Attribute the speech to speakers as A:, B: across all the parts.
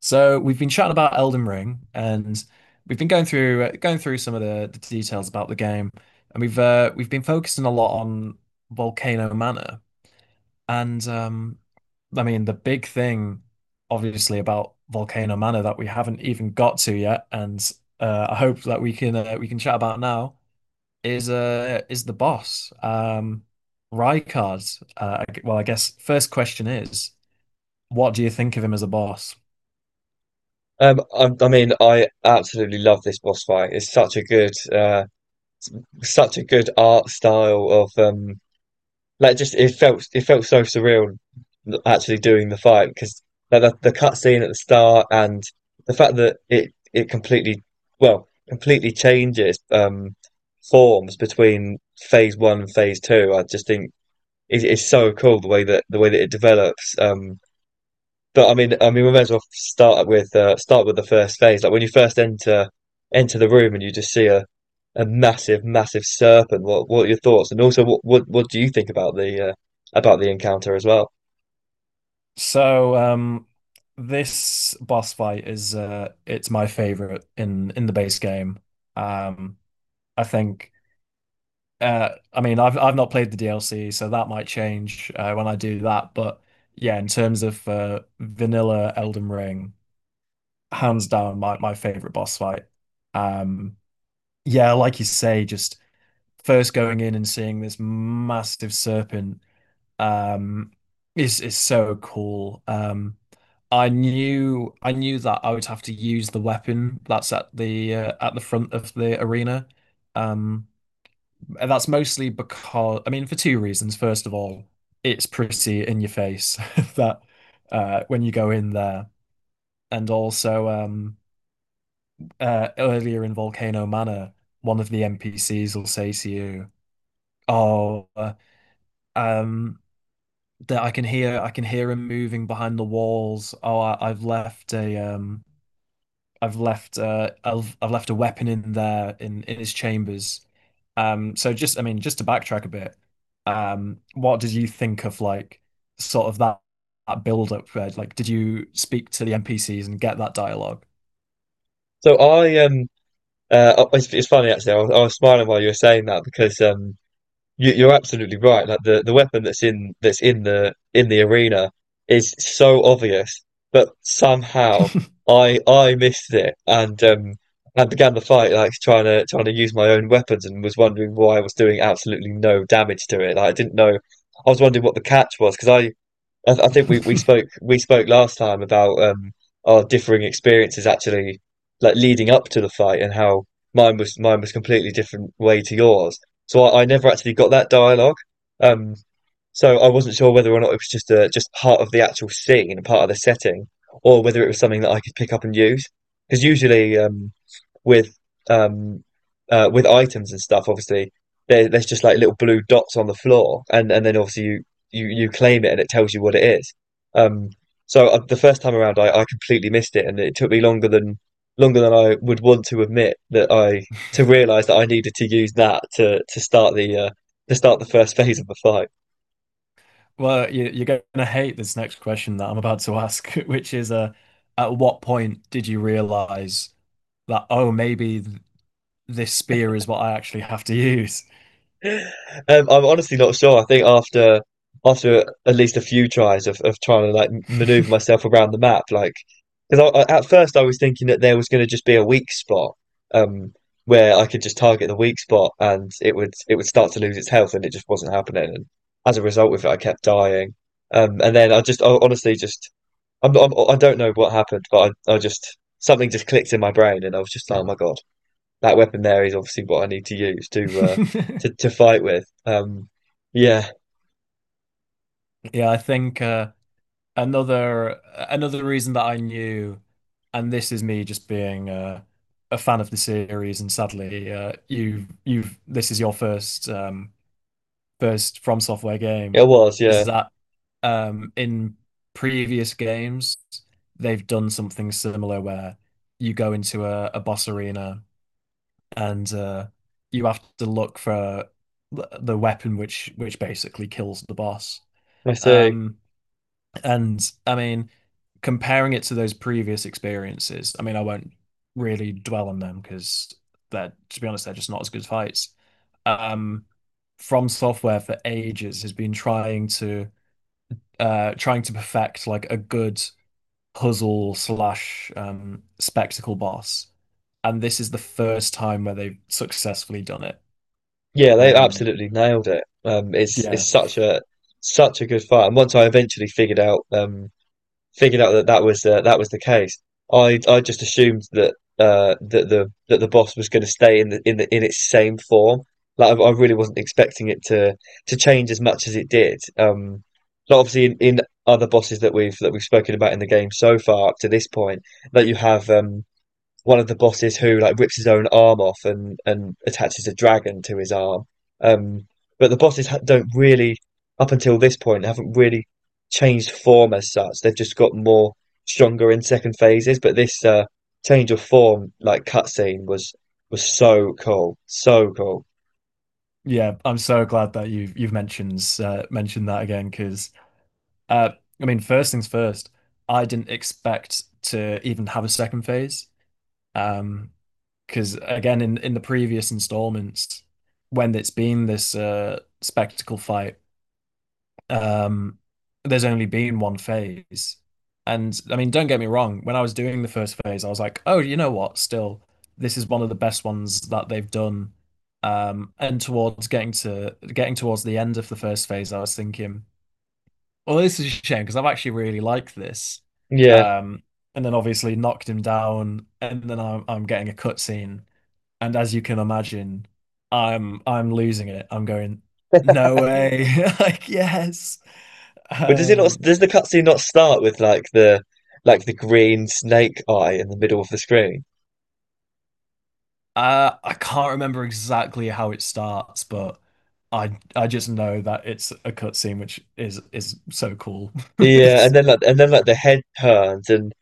A: So we've been chatting about Elden Ring, and we've been going through some of the details about the game, and we've been focusing a lot on Volcano Manor, and I mean the big thing, obviously, about Volcano Manor that we haven't even got to yet, and I hope that we can chat about now is the boss, Rykard. Well, I guess first question is, what do you think of him as a boss?
B: I mean, I absolutely love this boss fight. It's such a good art style of like just it felt so surreal actually doing the fight because like the cutscene at the start and the fact that it completely changes forms between phase one and phase two. I just think it's so cool the way that it develops. But I mean, we may as well start with the first phase. Like when you first enter the room and you just see a massive serpent. What are your thoughts? And also, what do you think about the encounter as well?
A: So this boss fight is it's my favorite in the base game. Um I think I mean I've not played the DLC so that might change when I do that but yeah in terms of vanilla Elden Ring hands down my favorite boss fight. Um yeah, like you say, just first going in and seeing this massive serpent um is so cool. I knew that I would have to use the weapon that's at the front of the arena. Um and that's mostly because, I mean, for two reasons. First of all, it's pretty in your face that when you go in there. And also earlier in Volcano Manor, one of the NPCs will say to you, "Oh, um that I can hear him moving behind the walls. Oh, I've left a I've left a weapon in there in his chambers." So just, I mean, just to backtrack a bit, what did you think of, like, sort of that build up, Red? Like, did you speak to the NPCs and get that dialogue?
B: So I it's funny actually. I was smiling while you were saying that because you, you're absolutely right. Like the weapon that's in the arena is so obvious, but somehow I missed it and and began the fight like trying to use my own weapons and was wondering why I was doing absolutely no damage to it. Like, I didn't know. I was wondering what the catch was because I think we spoke last time about our differing experiences actually like leading up to the fight and how mine was completely different way to yours. So I never actually got that dialogue. Um, so I wasn't sure whether or not it was just just part of the actual scene, part of the setting, or whether it was something that I could pick up and use. Because usually, with um with items and stuff, obviously there's just like little blue dots on the floor, and then obviously you you claim it and it tells you what it is. Um, the first time around, I completely missed it, and it took me longer than I would want to admit that I to realize that I needed to use that to start the first phase of the fight.
A: Well, you you're gonna hate this next question that I'm about to ask, which is at what point did you realize that, oh, maybe this spear is what I actually have to use.
B: I'm honestly not sure. I think after at least a few tries of trying to like maneuver myself around the map, like because at first I was thinking that there was going to just be a weak spot, um, where I could just target the weak spot and it would start to lose its health, and it just wasn't happening. And as a result of it, I kept dying. And then I just I honestly just I'm I don't know what happened, but I just something just clicked in my brain, and I was just like, oh my God, that weapon there is obviously what I need to use to fight with. Yeah,
A: Yeah, I think another another reason that I knew, and this is me just being a fan of the series, and sadly, you you've this is your first first From Software game,
B: it was.
A: is
B: Yeah,
A: that in previous games they've done something similar where you go into a boss arena and you have to look for the weapon which basically kills the boss.
B: I see.
A: Um, and I mean, comparing it to those previous experiences, I mean, I won't really dwell on them because they're, to be honest, they're just not as good fights. Um, From Software for ages has been trying to perfect like a good puzzle slash spectacle boss, and this is the first time where they've successfully done it.
B: Yeah, they
A: Um,
B: absolutely nailed it. It's
A: yeah,
B: it's such a such a good fight. And once I eventually figured out, figured out that that was the case. I just assumed that that the boss was going to stay in the in its same form. Like I really wasn't expecting it to change as much as it did. But obviously in other bosses that we've spoken about in the game so far up to this point, that you have one of the bosses who like rips his own arm off and attaches a dragon to his arm. Um, but the bosses don't really, up until this point, haven't really changed form as such. They've just got more stronger in second phases. But this change of form, like cutscene, was so cool, so cool.
A: yeah. I'm so glad that you've mentioned mentioned that again because uh, I mean, first things first, I didn't expect to even have a second phase. Um, because again, in the previous installments, when it's been this spectacle fight, um, there's only been one phase. And I mean, don't get me wrong, when I was doing the first phase, I was like, oh, you know what? Still, this is one of the best ones that they've done. And towards getting towards the end of the first phase, I was thinking, well, this is a shame because I've actually really liked this.
B: Yeah,
A: Um, and then obviously knocked him down, and then I'm getting a cutscene. And as you can imagine, I'm losing it. I'm going, no way. Like, yes.
B: but does it not?
A: Um,
B: Does the cutscene not start with like the green snake eye in the middle of the screen?
A: I can't remember exactly how it starts, but I just know that it's a cutscene, which is so cool.
B: Yeah, and
A: It's
B: then the head turns and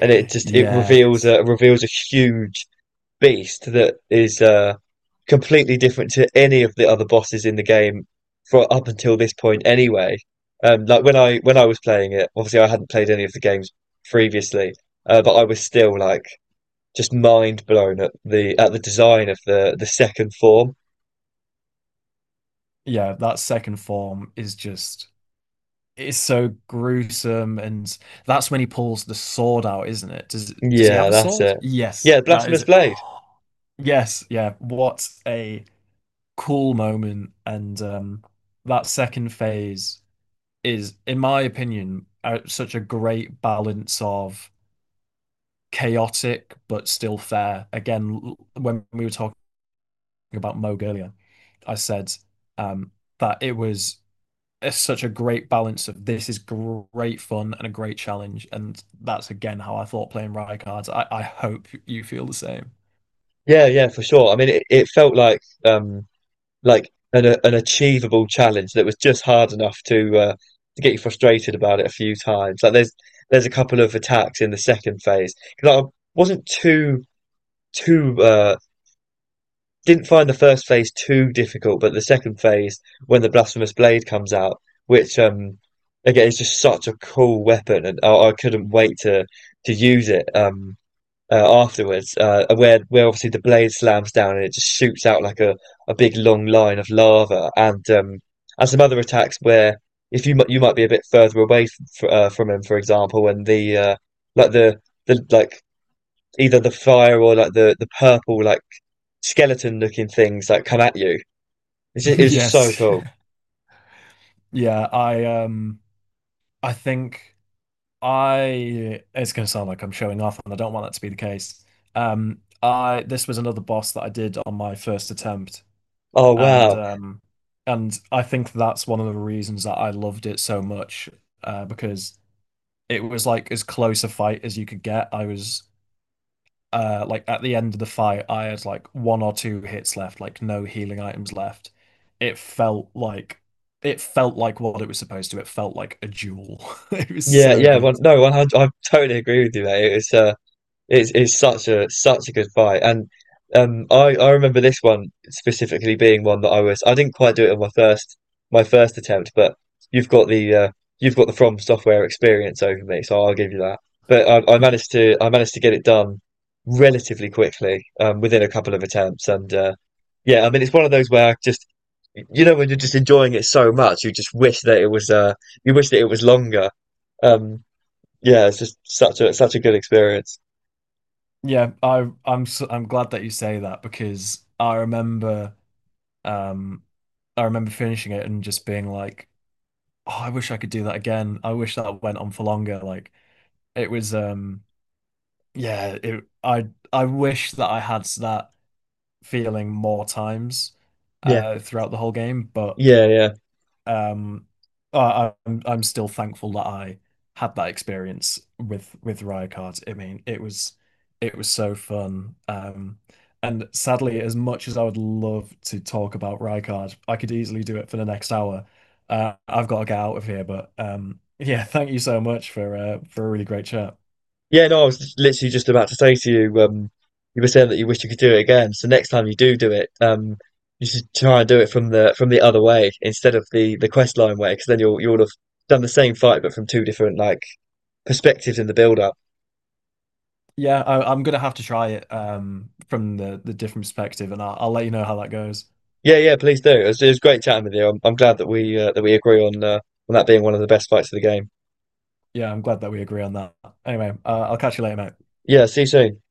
B: it reveals
A: yes,
B: a reveals a huge beast that is completely different to any of the other bosses in the game for up until this point anyway. Like when I was playing it, obviously I hadn't played any of the games previously, but I was still like just mind blown at the design of the second form.
A: yeah. That second form is just it's so gruesome, and that's when he pulls the sword out, isn't it? Does he have
B: Yeah,
A: a
B: that's
A: sword?
B: it.
A: Yes,
B: Yeah,
A: that is
B: Blasphemous
A: it.
B: Blade.
A: Oh, yes, yeah. What a cool moment, and that second phase is, in my opinion, such a great balance of chaotic but still fair. Again, when we were talking about Moog earlier, I said um, that it was such a great balance of, this is great fun and a great challenge, and that's again how I thought playing Rykards. I hope you feel the same.
B: Yeah, yeah, for sure. I mean it felt like like an achievable challenge that was just hard enough to get you frustrated about it a few times. Like there's a couple of attacks in the second phase because I wasn't too, didn't find the first phase too difficult, but the second phase when the blasphemous blade comes out, which again is just such a cool weapon, and I couldn't wait to use it. Afterwards, where obviously the blade slams down and it just shoots out like a big long line of lava, and some other attacks where if you might be a bit further away from him, for example, and the like the like either the fire or like the purple like skeleton looking things that like, come at you. It's just, it was just so
A: Yes,
B: cool.
A: yeah, I think. I, it's gonna sound like I'm showing off, and I don't want that to be the case. I, this was another boss that I did on my first attempt,
B: Oh
A: and
B: wow,
A: um, and I think that's one of the reasons that I loved it so much, because it was like as close a fight as you could get. I was like at the end of the fight, I had like one or two hits left, like no healing items left. It felt like it felt like what it was supposed to. It felt like a duel. It was
B: yeah,
A: so
B: yeah.
A: good.
B: One, no, 100. I totally agree with you, mate. It was it's such a such a good fight, and I remember this one specifically being one that I didn't quite do it on my first attempt, but you've got the uh, you've got the From Software experience over me, so I'll give you that. But I managed to get it done relatively quickly, within a couple of attempts, and yeah, I mean it's one of those where I just you know when you're just enjoying it so much, you just wish that it was you wish that it was longer. Um, yeah, it's just such a such a good experience.
A: Yeah, I'm so, I'm glad that you say that because um I remember finishing it and just being like, oh, I wish I could do that again. I wish that went on for longer. Like it was yeah, it I wish that I had that feeling more times
B: Yeah.
A: throughout the whole game, but
B: Yeah, yeah.
A: Um, I'm still thankful that I had that experience with Riot. I mean, it was so fun. And sadly, as much as I would love to talk about Riot, I could easily do it for the next hour. I've got to get out of here, but yeah, thank you so much for a really great chat.
B: Yeah, no, I was literally just about to say to you, you were saying that you wish you could do it again. So next time you do do it, you should try and do it from the other way instead of the quest line way, because then you'll have done the same fight but from two different like perspectives in the build up.
A: Yeah, I'm gonna have to try it from the different perspective, and I'll let you know how that goes.
B: Yeah, yeah, please do. It was great chatting with you. I'm glad that we agree on that being one of the best fights of the game.
A: Yeah, I'm glad that we agree on that. Anyway, I'll catch you later, mate.
B: Yeah, see you soon.